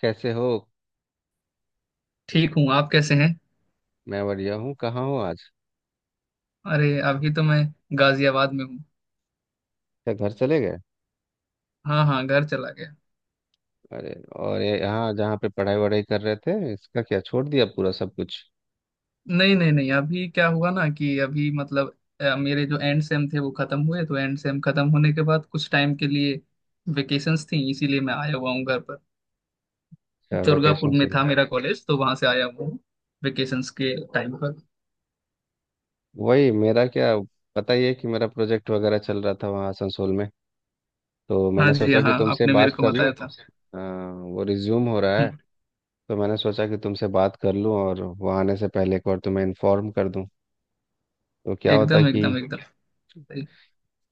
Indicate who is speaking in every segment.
Speaker 1: कैसे हो।
Speaker 2: ठीक हूँ। आप कैसे हैं?
Speaker 1: मैं बढ़िया हूँ। कहाँ हो आज?
Speaker 2: अरे, अभी तो मैं गाजियाबाद में हूँ।
Speaker 1: क्या घर चले गए?
Speaker 2: हाँ हाँ, घर चला गया।
Speaker 1: अरे। और ये यहाँ जहाँ पे पढ़ाई वढ़ाई कर रहे थे, इसका क्या छोड़ दिया पूरा सब कुछ?
Speaker 2: नहीं नहीं नहीं, अभी क्या हुआ ना कि अभी मतलब मेरे जो एंड सेम थे वो खत्म हुए, तो एंड सेम खत्म होने के बाद कुछ टाइम के लिए वेकेशंस थी, इसीलिए मैं आया हुआ हूँ घर पर।
Speaker 1: क्या
Speaker 2: दुर्गापुर
Speaker 1: वैकेशन
Speaker 2: में
Speaker 1: चल
Speaker 2: था
Speaker 1: रहा?
Speaker 2: मेरा कॉलेज, तो वहां से आया हुआ हूँ वेकेशंस के टाइम पर।
Speaker 1: वही मेरा क्या। पता ही है कि मेरा प्रोजेक्ट वगैरह चल रहा था वहाँ आसनसोल में। तो
Speaker 2: हाँ
Speaker 1: मैंने
Speaker 2: जी
Speaker 1: सोचा कि
Speaker 2: हाँ,
Speaker 1: तुमसे
Speaker 2: आपने मेरे
Speaker 1: बात
Speaker 2: को
Speaker 1: कर लूँ।
Speaker 2: बताया था।
Speaker 1: हाँ, वो रिज्यूम हो रहा है।
Speaker 2: हम्म।
Speaker 1: तो मैंने सोचा कि तुमसे बात कर लूँ, और वहाँ आने से पहले एक बार तुम्हें इन्फॉर्म कर दूँ। तो क्या होता
Speaker 2: एकदम
Speaker 1: कि,
Speaker 2: एकदम एकदम सही।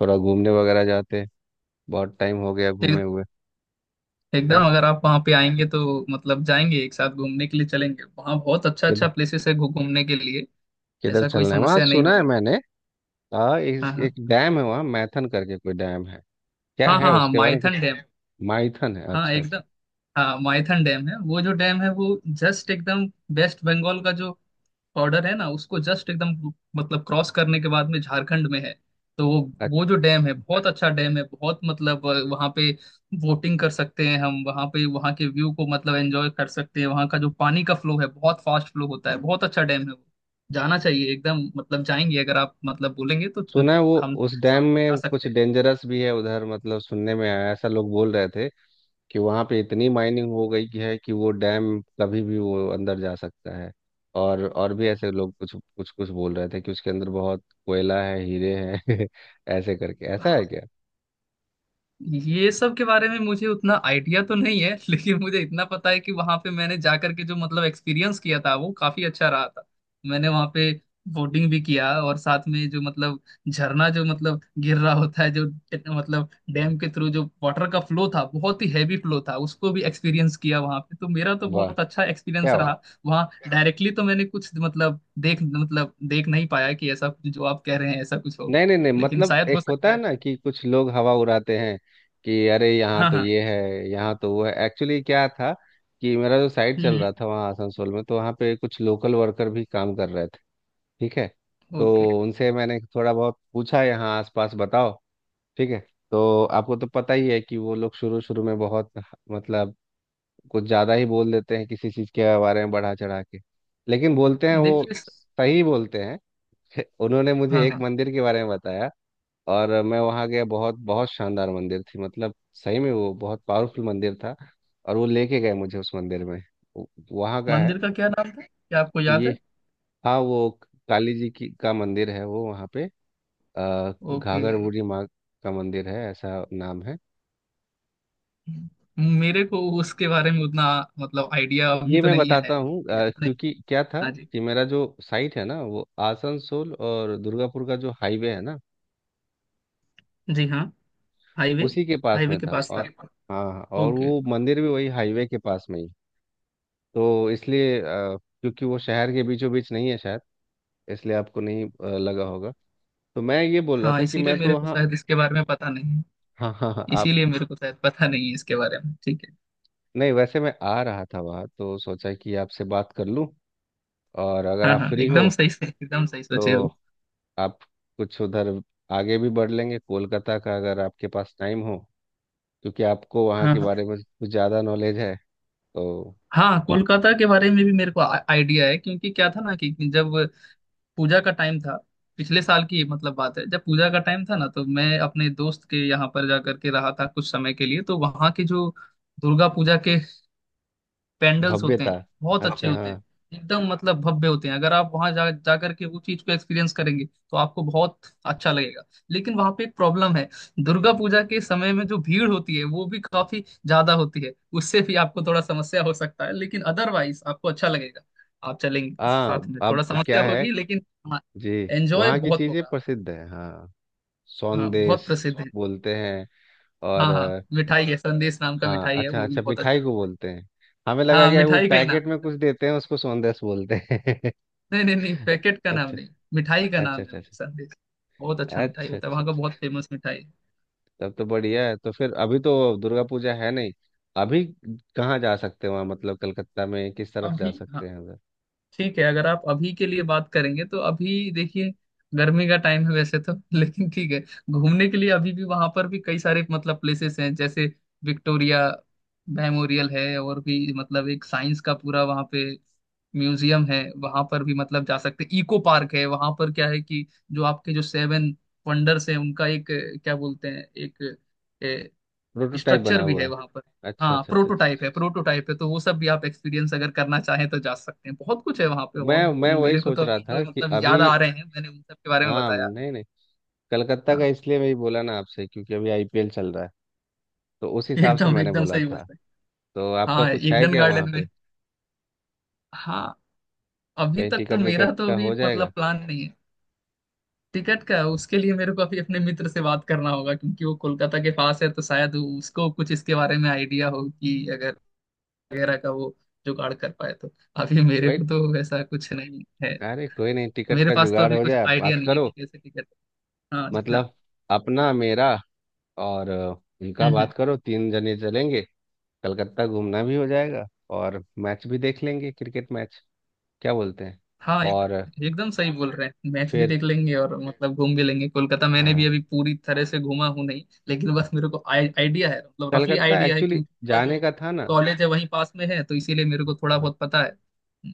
Speaker 1: थोड़ा घूमने वगैरह जाते। बहुत टाइम हो गया घूमे हुए।
Speaker 2: एकदम,
Speaker 1: है।
Speaker 2: अगर आप वहाँ पे आएंगे तो मतलब जाएंगे एक साथ, घूमने के लिए चलेंगे, वहाँ बहुत अच्छा अच्छा
Speaker 1: किधर?
Speaker 2: प्लेसेस है घूमने के लिए।
Speaker 1: किधर
Speaker 2: ऐसा कोई
Speaker 1: चलना है? वहाँ
Speaker 2: समस्या नहीं
Speaker 1: सुना है
Speaker 2: होगा।
Speaker 1: मैंने। हाँ,
Speaker 2: हाँ
Speaker 1: एक,
Speaker 2: हाँ
Speaker 1: एक डैम है वहाँ, मैथन करके कोई डैम है। क्या
Speaker 2: हाँ हाँ
Speaker 1: है
Speaker 2: हाँ,
Speaker 1: उसके बारे में कुछ?
Speaker 2: माइथन डैम।
Speaker 1: माइथन है,
Speaker 2: हाँ
Speaker 1: अच्छा
Speaker 2: एकदम।
Speaker 1: अच्छा।
Speaker 2: हाँ, माइथन डैम है। वो जो डैम है वो जस्ट एकदम वेस्ट बंगाल का जो बॉर्डर है ना उसको जस्ट एकदम मतलब क्रॉस करने के बाद में झारखंड में है। तो वो
Speaker 1: अ-
Speaker 2: वो जो डैम है, बहुत अच्छा डैम है, बहुत मतलब वहाँ पे बोटिंग कर सकते हैं हम, वहाँ पे वहाँ के व्यू को मतलब एंजॉय कर सकते हैं, वहाँ का जो पानी का फ्लो है बहुत फास्ट फ्लो होता है, बहुत अच्छा डैम है वो। जाना चाहिए एकदम, मतलब जाएंगे अगर आप मतलब बोलेंगे तो
Speaker 1: सुना है वो,
Speaker 2: हम
Speaker 1: उस
Speaker 2: साथ
Speaker 1: डैम
Speaker 2: में जा
Speaker 1: में कुछ
Speaker 2: सकते
Speaker 1: डेंजरस भी है उधर, मतलब सुनने में आया, ऐसा लोग बोल रहे थे कि वहाँ पे इतनी माइनिंग हो गई कि है कि वो डैम कभी भी वो अंदर जा सकता है। और भी ऐसे लोग कुछ कुछ कुछ बोल रहे थे कि उसके अंदर बहुत कोयला है, हीरे हैं ऐसे करके, ऐसा है
Speaker 2: हैं।
Speaker 1: क्या?
Speaker 2: ये सब के बारे में मुझे उतना आइडिया तो नहीं है, लेकिन मुझे इतना पता है कि वहां पे मैंने जाकर के जो मतलब एक्सपीरियंस किया था वो काफी अच्छा रहा था। मैंने वहां पे बोटिंग भी किया और साथ में जो मतलब झरना जो मतलब गिर रहा होता है, जो मतलब डैम के थ्रू जो वाटर का फ्लो था बहुत ही हैवी फ्लो था उसको भी एक्सपीरियंस किया वहां पे, तो मेरा तो
Speaker 1: वाह।
Speaker 2: बहुत अच्छा
Speaker 1: क्या।
Speaker 2: एक्सपीरियंस रहा। वहाँ डायरेक्टली तो मैंने कुछ मतलब देख नहीं पाया कि ऐसा जो आप कह रहे हैं ऐसा कुछ हो,
Speaker 1: नहीं नहीं नहीं,
Speaker 2: लेकिन
Speaker 1: मतलब
Speaker 2: शायद हो
Speaker 1: एक होता
Speaker 2: सकता
Speaker 1: है
Speaker 2: है।
Speaker 1: ना कि कुछ लोग हवा उड़ाते हैं कि अरे यहाँ
Speaker 2: हाँ
Speaker 1: तो
Speaker 2: हाँ।
Speaker 1: ये है, यहाँ तो वो है। एक्चुअली क्या था कि मेरा जो साइट चल रहा था वहाँ आसनसोल में, तो वहाँ पे कुछ लोकल वर्कर भी काम कर रहे थे। ठीक है।
Speaker 2: ओके।
Speaker 1: तो उनसे मैंने थोड़ा बहुत पूछा, यहाँ आसपास बताओ। ठीक है। तो आपको तो पता ही है कि वो लोग शुरू शुरू में बहुत, मतलब, कुछ ज़्यादा ही बोल देते हैं किसी चीज़ के बारे में, बढ़ा चढ़ा के। लेकिन बोलते हैं वो
Speaker 2: देखिए
Speaker 1: सही बोलते हैं। उन्होंने
Speaker 2: हाँ
Speaker 1: मुझे एक
Speaker 2: हाँ।
Speaker 1: मंदिर के बारे में बताया, और मैं वहाँ गया। बहुत बहुत शानदार मंदिर थी, मतलब सही में वो बहुत पावरफुल मंदिर था। और वो लेके गए मुझे उस मंदिर में। वहाँ का है
Speaker 2: मंदिर का क्या नाम था, क्या आपको
Speaker 1: कि
Speaker 2: याद
Speaker 1: ये,
Speaker 2: है?
Speaker 1: हाँ वो काली जी की का मंदिर है वो वहाँ पे।
Speaker 2: ओके।
Speaker 1: घाघर बूढ़ी माँ का मंदिर है, ऐसा नाम है।
Speaker 2: मेरे को उसके बारे में उतना मतलब आइडिया अभी
Speaker 1: ये
Speaker 2: तो
Speaker 1: मैं
Speaker 2: नहीं है,
Speaker 1: बताता हूँ,
Speaker 2: याद नहीं।
Speaker 1: क्योंकि क्या था
Speaker 2: हाँ जी।
Speaker 1: कि मेरा जो साइट है ना, वो आसनसोल और दुर्गापुर का जो हाईवे है ना,
Speaker 2: जी हाँ, हाईवे।
Speaker 1: उसी के पास
Speaker 2: हाईवे
Speaker 1: में
Speaker 2: के
Speaker 1: था।
Speaker 2: पास था।
Speaker 1: और हाँ हाँ, और
Speaker 2: ओके।
Speaker 1: वो मंदिर भी वही हाईवे के पास में ही है। तो इसलिए, क्योंकि वो शहर के बीचों बीच नहीं है शायद, इसलिए आपको नहीं लगा होगा। तो मैं ये बोल रहा
Speaker 2: हाँ,
Speaker 1: था कि
Speaker 2: इसीलिए
Speaker 1: मैं तो
Speaker 2: मेरे को
Speaker 1: वहाँ,
Speaker 2: शायद इसके बारे में पता नहीं है।
Speaker 1: हाँ हाँ हाँ आप,
Speaker 2: इसीलिए मेरे को शायद पता नहीं है इसके बारे में, ठीक है।
Speaker 1: नहीं वैसे मैं आ रहा था वहाँ तो सोचा कि आपसे बात कर लूँ। और अगर
Speaker 2: हाँ
Speaker 1: आप
Speaker 2: हाँ,
Speaker 1: फ्री हो
Speaker 2: एकदम सही से एकदम सही सोचे
Speaker 1: तो
Speaker 2: हो।
Speaker 1: आप कुछ उधर आगे भी बढ़ लेंगे कोलकाता का, अगर आपके पास टाइम हो, क्योंकि आपको वहाँ
Speaker 2: हाँ
Speaker 1: के
Speaker 2: हाँ।
Speaker 1: बारे में कुछ ज़्यादा नॉलेज है। तो
Speaker 2: हाँ, कोलकाता के बारे में भी मेरे को आइडिया है, क्योंकि क्या था ना कि जब पूजा का टाइम था, पिछले साल की मतलब बात है, जब पूजा का टाइम था ना, तो मैं अपने दोस्त के यहाँ पर जा करके रहा था कुछ समय के लिए, तो वहाँ की जो दुर्गा पूजा के पेंडल्स होते
Speaker 1: भव्यता।
Speaker 2: हैं बहुत अच्छे ओके
Speaker 1: अच्छा
Speaker 2: होते हैं,
Speaker 1: हाँ।
Speaker 2: एकदम मतलब भव्य होते हैं। अगर आप वहां जा जाकर के वो चीज को एक्सपीरियंस करेंगे तो आपको बहुत अच्छा लगेगा, लेकिन वहां पे एक प्रॉब्लम है। दुर्गा पूजा के समय में जो भीड़ होती है वो भी काफी ज्यादा होती है, उससे भी आपको थोड़ा समस्या हो सकता है, लेकिन अदरवाइज आपको अच्छा लगेगा। आप चलेंगे साथ
Speaker 1: हाँ
Speaker 2: में,
Speaker 1: अब
Speaker 2: थोड़ा
Speaker 1: क्या
Speaker 2: समस्या
Speaker 1: है।
Speaker 2: होगी लेकिन हाँ,
Speaker 1: जी।
Speaker 2: एंजॉय
Speaker 1: वहाँ की
Speaker 2: बहुत
Speaker 1: चीज़ें
Speaker 2: होगा।
Speaker 1: प्रसिद्ध है हाँ।
Speaker 2: हाँ बहुत
Speaker 1: सौंदेश
Speaker 2: प्रसिद्ध है।
Speaker 1: बोलते हैं। और
Speaker 2: हाँ हाँ, मिठाई है। संदेश नाम का
Speaker 1: हाँ,
Speaker 2: मिठाई है,
Speaker 1: अच्छा
Speaker 2: वो भी
Speaker 1: अच्छा,
Speaker 2: बहुत अच्छा
Speaker 1: मिठाई को
Speaker 2: मिठाई।
Speaker 1: बोलते हैं। हमें लगा
Speaker 2: हाँ,
Speaker 1: कि वो
Speaker 2: मिठाई का ही नाम
Speaker 1: पैकेट में
Speaker 2: है।
Speaker 1: कुछ देते हैं, उसको सौंदेश बोलते हैं।
Speaker 2: नहीं नहीं नहीं, पैकेट का नाम
Speaker 1: अच्छा
Speaker 2: नहीं, मिठाई का
Speaker 1: अच्छा।
Speaker 2: नाम है
Speaker 1: अच्छा
Speaker 2: वो
Speaker 1: अच्छा
Speaker 2: संदेश। बहुत अच्छा मिठाई
Speaker 1: अच्छा
Speaker 2: होता है
Speaker 1: अच्छा
Speaker 2: वहाँ का, बहुत
Speaker 1: अच्छा।
Speaker 2: फेमस मिठाई है।
Speaker 1: तब तो बढ़िया है। तो फिर अभी तो दुर्गा पूजा है नहीं। अभी कहाँ जा सकते हैं वहाँ, मतलब कलकत्ता में किस तरफ जा
Speaker 2: अभी हाँ,
Speaker 1: सकते हैं उधर?
Speaker 2: ठीक है, अगर आप अभी के लिए बात करेंगे तो अभी देखिए गर्मी का टाइम है वैसे तो लेकिन ठीक है, घूमने के लिए अभी भी वहाँ पर भी कई सारे मतलब प्लेसेस हैं जैसे विक्टोरिया मेमोरियल है, और भी मतलब एक साइंस का पूरा वहाँ पे म्यूजियम है, वहाँ पर भी मतलब जा सकते हैं। इको पार्क है वहाँ पर, क्या है कि जो आपके जो सेवन वंडर्स हैं उनका एक क्या बोलते हैं एक
Speaker 1: प्रोटोटाइप बना
Speaker 2: स्ट्रक्चर भी
Speaker 1: हुआ
Speaker 2: है
Speaker 1: है।
Speaker 2: वहां पर।
Speaker 1: अच्छा
Speaker 2: हाँ
Speaker 1: अच्छा अच्छा अच्छा
Speaker 2: प्रोटोटाइप
Speaker 1: अच्छा।
Speaker 2: है, प्रोटोटाइप है, तो वो सब भी आप एक्सपीरियंस अगर करना चाहें तो जा सकते हैं। बहुत कुछ है वहां पे, और
Speaker 1: मैं वही
Speaker 2: मेरे को
Speaker 1: सोच
Speaker 2: तो
Speaker 1: रहा
Speaker 2: अभी
Speaker 1: था
Speaker 2: तो
Speaker 1: कि
Speaker 2: मतलब याद
Speaker 1: अभी,
Speaker 2: आ रहे हैं, मैंने उन सब के बारे में
Speaker 1: हाँ
Speaker 2: बताया।
Speaker 1: नहीं नहीं, कलकत्ता का
Speaker 2: हाँ
Speaker 1: इसलिए वही बोला ना आपसे, क्योंकि अभी आईपीएल चल रहा है, तो उस हिसाब से
Speaker 2: एकदम
Speaker 1: मैंने
Speaker 2: एकदम
Speaker 1: बोला
Speaker 2: सही
Speaker 1: था।
Speaker 2: बात है।
Speaker 1: तो आपका
Speaker 2: हाँ,
Speaker 1: कुछ है
Speaker 2: ईडन
Speaker 1: क्या वहाँ
Speaker 2: गार्डन में।
Speaker 1: पे?
Speaker 2: हाँ, अभी
Speaker 1: कहीं
Speaker 2: तक तो
Speaker 1: टिकट
Speaker 2: मेरा
Speaker 1: विकट
Speaker 2: तो
Speaker 1: का
Speaker 2: अभी
Speaker 1: हो
Speaker 2: मतलब
Speaker 1: जाएगा।
Speaker 2: प्लान नहीं है। टिकट का उसके लिए मेरे को अभी अपने मित्र से बात करना होगा, क्योंकि वो कोलकाता के पास है, तो शायद उसको कुछ इसके बारे में आइडिया हो कि अगर वगैरह का वो जुगाड़ कर पाए तो। अभी मेरे
Speaker 1: वही।
Speaker 2: को तो वैसा कुछ नहीं है,
Speaker 1: अरे कोई नहीं, टिकट
Speaker 2: मेरे
Speaker 1: का
Speaker 2: पास तो
Speaker 1: जुगाड़
Speaker 2: अभी
Speaker 1: हो जाए,
Speaker 2: कुछ
Speaker 1: आप
Speaker 2: आइडिया
Speaker 1: बात
Speaker 2: नहीं है
Speaker 1: करो।
Speaker 2: कि कैसे टिकट। हाँ जी हाँ।
Speaker 1: मतलब अपना, मेरा, और उनका,
Speaker 2: हम्म।
Speaker 1: बात करो, तीन जने चलेंगे। कलकत्ता घूमना भी हो जाएगा, और मैच भी देख लेंगे, क्रिकेट मैच क्या बोलते हैं।
Speaker 2: हाँ
Speaker 1: और
Speaker 2: एकदम सही बोल रहे हैं। मैच भी
Speaker 1: फिर
Speaker 2: देख लेंगे और मतलब घूम भी लेंगे। कोलकाता मैंने भी अभी
Speaker 1: हाँ,
Speaker 2: पूरी तरह से घूमा हूँ नहीं, लेकिन बस मेरे को आइडिया है, मतलब रफली
Speaker 1: कलकत्ता
Speaker 2: आइडिया है,
Speaker 1: एक्चुअली
Speaker 2: क्योंकि मेरा
Speaker 1: जाने
Speaker 2: जो
Speaker 1: का था ना।
Speaker 2: कॉलेज है वहीं पास में है, तो इसीलिए मेरे को थोड़ा
Speaker 1: अ,
Speaker 2: बहुत पता है। हम्म।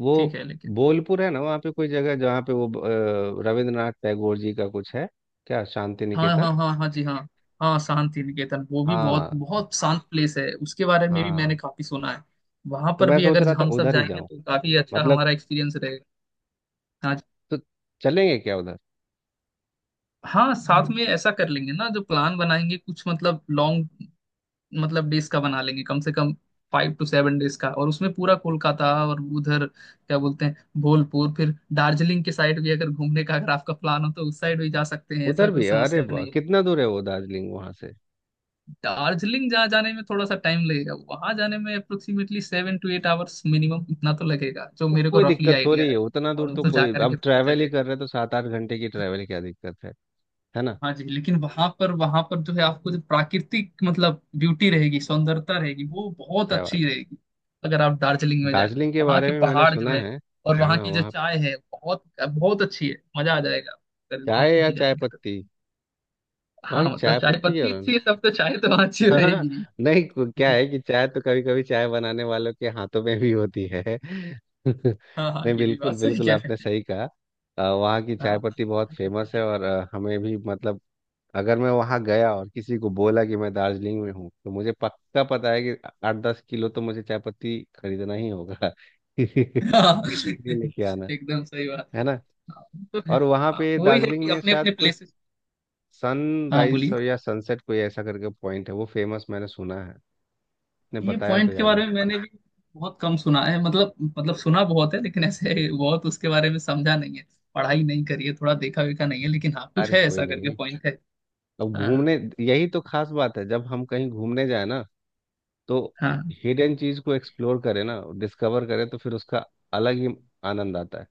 Speaker 1: वो
Speaker 2: ठीक है लेकिन।
Speaker 1: बोलपुर है ना वहाँ पे कोई जगह, जहाँ पे वो रविंद्रनाथ टैगोर जी का कुछ है, क्या शांति
Speaker 2: हाँ
Speaker 1: निकेतन।
Speaker 2: हाँ हाँ हाँ जी हाँ। हाँ, शांति निकेतन वो भी बहुत
Speaker 1: हाँ,
Speaker 2: बहुत शांत प्लेस है, उसके बारे में भी
Speaker 1: हाँ।
Speaker 2: मैंने काफी सुना है। वहां
Speaker 1: तो
Speaker 2: पर
Speaker 1: मैं
Speaker 2: भी
Speaker 1: सोच
Speaker 2: अगर
Speaker 1: रहा था
Speaker 2: हम सब
Speaker 1: उधर ही
Speaker 2: जाएंगे
Speaker 1: जाऊं,
Speaker 2: तो काफी अच्छा
Speaker 1: मतलब।
Speaker 2: हमारा एक्सपीरियंस रहेगा। हाँ जी।
Speaker 1: तो चलेंगे क्या उधर?
Speaker 2: हाँ, साथ में ऐसा कर लेंगे ना, जो प्लान बनाएंगे कुछ मतलब लॉन्ग मतलब डेज का बना लेंगे, कम से कम फाइव टू सेवन डेज का, और उसमें पूरा कोलकाता और उधर क्या बोलते हैं भोलपुर, फिर दार्जिलिंग के साइड भी अगर घूमने का अगर आपका प्लान हो तो उस साइड भी जा सकते हैं, ऐसा
Speaker 1: उधर
Speaker 2: कोई
Speaker 1: भी, अरे
Speaker 2: समस्या
Speaker 1: वाह,
Speaker 2: नहीं है।
Speaker 1: कितना दूर है वो दार्जिलिंग वहां से?
Speaker 2: दार्जिलिंग जहाँ जाने में थोड़ा सा टाइम लगेगा, वहां जाने में approximately seven to eight hours minimum इतना तो लगेगा, जो
Speaker 1: तो
Speaker 2: मेरे को
Speaker 1: कोई
Speaker 2: रफली
Speaker 1: दिक्कत
Speaker 2: आइडिया
Speaker 1: थोड़ी है
Speaker 2: है।
Speaker 1: उतना
Speaker 2: और
Speaker 1: दूर,
Speaker 2: वो
Speaker 1: तो
Speaker 2: तो जा
Speaker 1: कोई,
Speaker 2: करके
Speaker 1: अब
Speaker 2: पता।
Speaker 1: ट्रैवल ही कर रहे हैं तो सात आठ घंटे की ट्रैवल क्या दिक्कत है। है ना।
Speaker 2: हाँ जी, लेकिन वहां पर जो है आपको जो प्राकृतिक मतलब ब्यूटी रहेगी, सौंदर्यता रहेगी वो बहुत
Speaker 1: क्या बात।
Speaker 2: अच्छी रहेगी। अगर आप दार्जिलिंग में जाएंगे,
Speaker 1: दार्जिलिंग के
Speaker 2: वहाँ
Speaker 1: बारे
Speaker 2: के
Speaker 1: में मैंने
Speaker 2: पहाड़ जो
Speaker 1: सुना
Speaker 2: है
Speaker 1: है।
Speaker 2: और वहाँ
Speaker 1: हाँ
Speaker 2: की जो
Speaker 1: वहाँ पे,
Speaker 2: चाय है बहुत बहुत अच्छी है, मजा आ जाएगा अगर वहां
Speaker 1: चाय
Speaker 2: पर
Speaker 1: या
Speaker 2: भी
Speaker 1: चाय
Speaker 2: जाएंगे तो।
Speaker 1: पत्ती? वहाँ की
Speaker 2: हाँ मतलब
Speaker 1: चाय
Speaker 2: चाय
Speaker 1: पत्ती क्या
Speaker 2: पत्ती
Speaker 1: रंग।
Speaker 2: अच्छी है सब, तो चाय तो वहाँ अच्छी
Speaker 1: हाँ
Speaker 2: रहेगी।
Speaker 1: नहीं, क्या है कि चाय तो, कभी कभी चाय बनाने वालों के हाथों में भी होती है।
Speaker 2: हाँ हाँ,
Speaker 1: नहीं
Speaker 2: ये भी
Speaker 1: बिल्कुल
Speaker 2: बात सही
Speaker 1: बिल्कुल,
Speaker 2: कह
Speaker 1: आपने
Speaker 2: रहे हैं।
Speaker 1: सही कहा। वहाँ की
Speaker 2: हाँ,
Speaker 1: चाय
Speaker 2: हाँ,
Speaker 1: पत्ती बहुत
Speaker 2: चाय पत्ती
Speaker 1: फेमस
Speaker 2: की।
Speaker 1: है, और हमें भी मतलब, अगर मैं वहाँ गया और किसी को बोला कि मैं दार्जिलिंग में हूँ, तो मुझे पक्का पता है कि आठ दस किलो तो मुझे चाय पत्ती खरीदना ही होगा
Speaker 2: हाँ
Speaker 1: इसलिए लेके आना।
Speaker 2: एकदम सही बात
Speaker 1: है
Speaker 2: है।
Speaker 1: ना।
Speaker 2: हाँ, तो है।
Speaker 1: और वहाँ
Speaker 2: हाँ,
Speaker 1: पे
Speaker 2: वही है
Speaker 1: दार्जिलिंग
Speaker 2: कि
Speaker 1: में
Speaker 2: अपने
Speaker 1: शायद
Speaker 2: अपने
Speaker 1: कोई
Speaker 2: प्लेसेस। हाँ
Speaker 1: सनराइज
Speaker 2: बोलिए।
Speaker 1: या सनसेट, कोई ऐसा करके पॉइंट है वो फेमस, मैंने सुना है, ने
Speaker 2: ये
Speaker 1: बताया तो
Speaker 2: पॉइंट के
Speaker 1: याद है।
Speaker 2: बारे में मैंने भी बहुत कम सुना है, मतलब सुना बहुत है लेकिन ऐसे बहुत उसके बारे में समझा नहीं है, पढ़ाई नहीं करी है, थोड़ा देखा वेखा नहीं है, लेकिन हाँ कुछ
Speaker 1: अरे
Speaker 2: है
Speaker 1: कोई
Speaker 2: ऐसा करके
Speaker 1: नहीं।
Speaker 2: पॉइंट है।
Speaker 1: अब
Speaker 2: हाँ
Speaker 1: घूमने, यही तो खास बात है जब हम कहीं घूमने जाए ना, तो
Speaker 2: हाँ
Speaker 1: हिडन चीज को एक्सप्लोर करें ना, डिस्कवर करें, तो फिर उसका अलग ही आनंद आता है।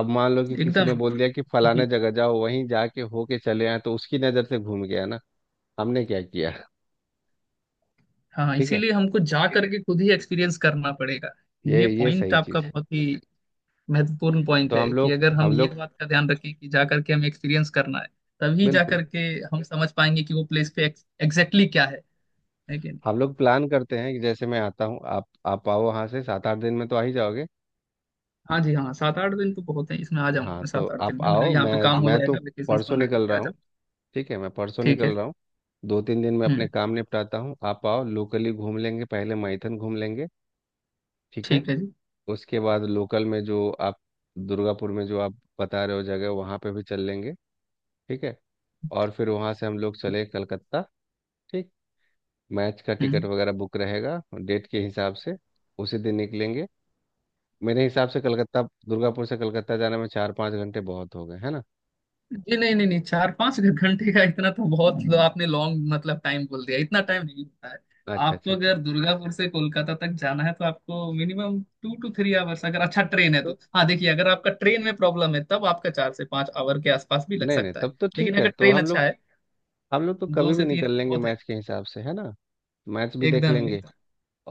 Speaker 1: अब मान लो कि किसी ने
Speaker 2: एकदम
Speaker 1: बोल दिया कि
Speaker 2: ही-
Speaker 1: फलाने जगह जाओ, वहीं जाके होके चले आए, तो उसकी नजर से घूम गया ना, हमने क्या किया।
Speaker 2: हाँ,
Speaker 1: ठीक है,
Speaker 2: इसीलिए हमको जा करके खुद ही एक्सपीरियंस करना पड़ेगा। ये
Speaker 1: ये
Speaker 2: पॉइंट
Speaker 1: सही
Speaker 2: आपका
Speaker 1: चीज।
Speaker 2: बहुत ही महत्वपूर्ण पॉइंट
Speaker 1: तो
Speaker 2: है
Speaker 1: हम
Speaker 2: कि
Speaker 1: लोग
Speaker 2: अगर हम
Speaker 1: हम
Speaker 2: ये
Speaker 1: लोग
Speaker 2: बात का ध्यान रखें कि जा करके हमें एक्सपीरियंस करना है, तभी जा
Speaker 1: बिल्कुल,
Speaker 2: करके हम समझ पाएंगे कि वो प्लेस पे एग्जैक्टली क्या है। है कि
Speaker 1: हम लोग प्लान करते हैं कि जैसे मैं आता हूँ, आप आओ वहाँ से। सात आठ दिन में तो आ ही जाओगे।
Speaker 2: हाँ जी हाँ, सात आठ दिन तो बहुत है, इसमें आ जाऊंगा
Speaker 1: हाँ
Speaker 2: मैं।
Speaker 1: तो
Speaker 2: सात आठ दिन
Speaker 1: आप
Speaker 2: में मेरा
Speaker 1: आओ,
Speaker 2: यहाँ पे
Speaker 1: मैं
Speaker 2: तो काम आप हो
Speaker 1: मैं तो
Speaker 2: जाएगा, वेकेशन
Speaker 1: परसों
Speaker 2: बना
Speaker 1: निकल
Speaker 2: करके
Speaker 1: रहा
Speaker 2: आ
Speaker 1: हूँ।
Speaker 2: जाऊंगा।
Speaker 1: ठीक है, मैं परसों
Speaker 2: ठीक है।
Speaker 1: निकल रहा हूँ। दो तीन दिन में अपने
Speaker 2: हम्म।
Speaker 1: काम निपटाता हूँ, आप आओ, लोकली घूम लेंगे, पहले माइथन घूम लेंगे। ठीक है।
Speaker 2: ठीक है जी।
Speaker 1: उसके बाद लोकल में जो आप, दुर्गापुर में जो आप बता रहे हो जगह, वहाँ पे भी चल लेंगे। ठीक है। और फिर वहाँ से हम लोग चले कलकत्ता। ठीक। मैच का टिकट
Speaker 2: हम्म।
Speaker 1: वगैरह बुक रहेगा, डेट के हिसाब से उसी दिन निकलेंगे। मेरे हिसाब से कलकत्ता, दुर्गापुर से कलकत्ता जाने में चार पाँच घंटे बहुत हो गए, है ना।
Speaker 2: जी नहीं नहीं नहीं, चार पाँच घंटे का इतना तो बहुत आपने लॉन्ग मतलब टाइम बोल दिया, इतना टाइम नहीं होता है।
Speaker 1: अच्छा
Speaker 2: आपको
Speaker 1: अच्छा अच्छा।
Speaker 2: अगर दुर्गापुर से कोलकाता तक जाना है, तो आपको minimum two to three hours, अगर अच्छा ट्रेन है
Speaker 1: तो
Speaker 2: तो। हाँ देखिए, अगर आपका ट्रेन में प्रॉब्लम है तब आपका चार से पाँच आवर के आसपास भी लग
Speaker 1: नहीं नहीं,
Speaker 2: सकता है,
Speaker 1: तब तो ठीक
Speaker 2: लेकिन
Speaker 1: है।
Speaker 2: अगर
Speaker 1: तो
Speaker 2: ट्रेन
Speaker 1: हम
Speaker 2: अच्छा
Speaker 1: लोग,
Speaker 2: है
Speaker 1: हम लोग तो
Speaker 2: दो
Speaker 1: कभी भी
Speaker 2: से तीन
Speaker 1: निकल लेंगे
Speaker 2: बहुत है।
Speaker 1: मैच के हिसाब से, है ना। मैच भी देख
Speaker 2: एकदम
Speaker 1: लेंगे।
Speaker 2: एकदम।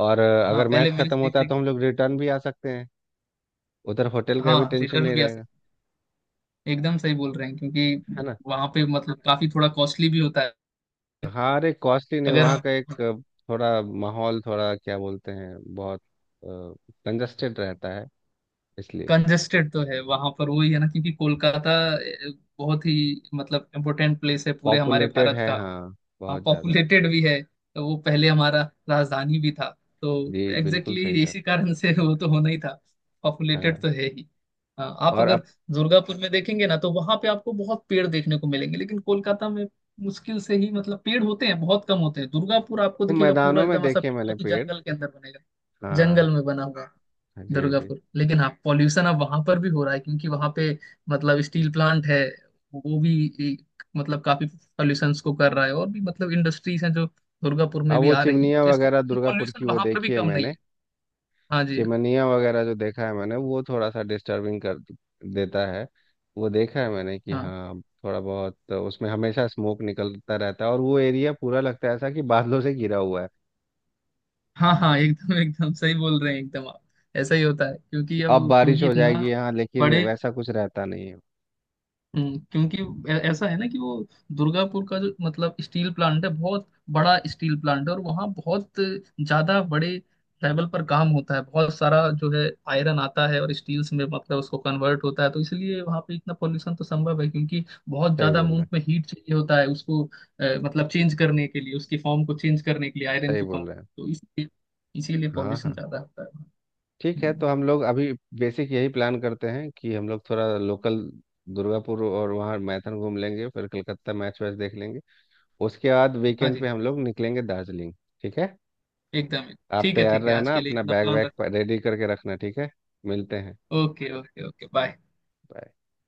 Speaker 1: और
Speaker 2: हाँ
Speaker 1: अगर मैच
Speaker 2: पहले मैच
Speaker 1: खत्म
Speaker 2: देख
Speaker 1: होता है, तो
Speaker 2: लेंगे।
Speaker 1: हम लोग रिटर्न भी आ सकते हैं। उधर होटल का भी
Speaker 2: हाँ
Speaker 1: टेंशन
Speaker 2: रिटर्न
Speaker 1: नहीं
Speaker 2: भी आ सकता
Speaker 1: रहेगा।
Speaker 2: है। एकदम सही बोल रहे हैं क्योंकि
Speaker 1: है ना।
Speaker 2: वहां पे मतलब काफी थोड़ा कॉस्टली भी होता है
Speaker 1: हाँ अरे, कॉस्टली नहीं,
Speaker 2: अगर।
Speaker 1: वहाँ का एक थोड़ा माहौल, थोड़ा क्या बोलते हैं, बहुत कंजस्टेड रहता है, इसलिए।
Speaker 2: कंजेस्टेड तो है वहां पर, वही है ना क्योंकि कोलकाता बहुत ही मतलब इम्पोर्टेंट प्लेस है पूरे हमारे
Speaker 1: पॉपुलेटेड
Speaker 2: भारत
Speaker 1: है
Speaker 2: का।
Speaker 1: हाँ,
Speaker 2: हाँ
Speaker 1: बहुत ज़्यादा।
Speaker 2: पॉपुलेटेड भी है, तो वो पहले हमारा राजधानी भी था तो
Speaker 1: जी बिल्कुल
Speaker 2: एग्जैक्टली
Speaker 1: सही
Speaker 2: exactly
Speaker 1: कहा
Speaker 2: इसी कारण से वो तो होना ही था,
Speaker 1: आपने।
Speaker 2: पॉपुलेटेड
Speaker 1: हाँ।
Speaker 2: तो है ही। हाँ, आप
Speaker 1: और
Speaker 2: अगर
Speaker 1: अब
Speaker 2: दुर्गापुर में देखेंगे ना तो वहां पे आपको बहुत पेड़ देखने को मिलेंगे, लेकिन कोलकाता में मुश्किल से ही मतलब पेड़ होते हैं, बहुत कम होते हैं। दुर्गापुर आपको
Speaker 1: वो
Speaker 2: दिखेगा पूरा
Speaker 1: मैदानों में
Speaker 2: एकदम ऐसा
Speaker 1: देखे
Speaker 2: पेड़ जो
Speaker 1: मैंने
Speaker 2: कि
Speaker 1: पेड़।
Speaker 2: जंगल के अंदर बनेगा,
Speaker 1: हाँ
Speaker 2: जंगल में बना हुआ
Speaker 1: जी जी।
Speaker 2: दुर्गापुर। लेकिन हाँ पॉल्यूशन अब वहां पर भी हो रहा है, क्योंकि वहां पे मतलब स्टील प्लांट है, वो भी एक, मतलब काफी पॉल्यूशन को कर रहा है, और भी मतलब इंडस्ट्रीज हैं जो दुर्गापुर में
Speaker 1: अब
Speaker 2: भी
Speaker 1: वो
Speaker 2: आ रही हैं,
Speaker 1: चिमनियाँ
Speaker 2: तो इसके
Speaker 1: वगैरह
Speaker 2: कारण
Speaker 1: दुर्गापुर
Speaker 2: पॉल्यूशन
Speaker 1: की वो
Speaker 2: वहां पर भी
Speaker 1: देखी है
Speaker 2: कम नहीं
Speaker 1: मैंने।
Speaker 2: है। हाँ जी।
Speaker 1: चिमनिया वगैरह जो देखा है मैंने, वो थोड़ा सा डिस्टर्बिंग कर देता है। वो देखा है मैंने कि
Speaker 2: हाँ
Speaker 1: हाँ, थोड़ा बहुत तो उसमें हमेशा स्मोक निकलता रहता है, और वो एरिया पूरा लगता है ऐसा कि बादलों से घिरा हुआ है,
Speaker 2: हाँ हाँ एकदम एकदम सही बोल रहे हैं एकदम आप। ऐसा ही होता है,
Speaker 1: कि
Speaker 2: क्योंकि
Speaker 1: अब
Speaker 2: अब
Speaker 1: बारिश
Speaker 2: क्योंकि
Speaker 1: हो
Speaker 2: इतना
Speaker 1: जाएगी यहाँ, लेकिन
Speaker 2: बड़े।
Speaker 1: वैसा कुछ रहता नहीं है।
Speaker 2: हम्म, क्योंकि ऐसा है ना कि वो दुर्गापुर का जो मतलब स्टील प्लांट है बहुत बड़ा स्टील प्लांट है, और वहाँ बहुत ज्यादा बड़े लेवल पर काम होता है। बहुत सारा जो है आयरन आता है और स्टील्स में मतलब उसको कन्वर्ट होता है, तो इसलिए वहाँ पे इतना पोल्यूशन तो संभव है, क्योंकि बहुत
Speaker 1: सही
Speaker 2: ज्यादा
Speaker 1: बोल रहे हैं,
Speaker 2: अमाउंट में हीट चाहिए होता है उसको मतलब चेंज करने के लिए, उसकी फॉर्म को चेंज करने के लिए, आयरन
Speaker 1: सही
Speaker 2: की फॉर्म।
Speaker 1: बोल रहे हैं।
Speaker 2: तो इसलिए इसीलिए
Speaker 1: हाँ
Speaker 2: पॉल्यूशन
Speaker 1: हाँ।
Speaker 2: ज्यादा होता है वहाँ।
Speaker 1: ठीक है,
Speaker 2: हम्म।
Speaker 1: तो हम लोग अभी बेसिक यही प्लान करते हैं कि हम लोग थोड़ा लोकल दुर्गापुर और वहाँ मैथन घूम लेंगे, फिर कलकत्ता मैच वैच देख लेंगे, उसके बाद
Speaker 2: हाँ
Speaker 1: वीकेंड
Speaker 2: जी
Speaker 1: पे हम लोग निकलेंगे दार्जिलिंग। ठीक है।
Speaker 2: एकदम।
Speaker 1: आप
Speaker 2: ठीक है,
Speaker 1: तैयार
Speaker 2: ठीक है आज
Speaker 1: रहना,
Speaker 2: के लिए
Speaker 1: अपना
Speaker 2: इतना
Speaker 1: बैग
Speaker 2: प्लान
Speaker 1: वैग
Speaker 2: रख।
Speaker 1: रेडी करके रखना, ठीक है। मिलते हैं।
Speaker 2: Okay okay okay bye.
Speaker 1: Bye.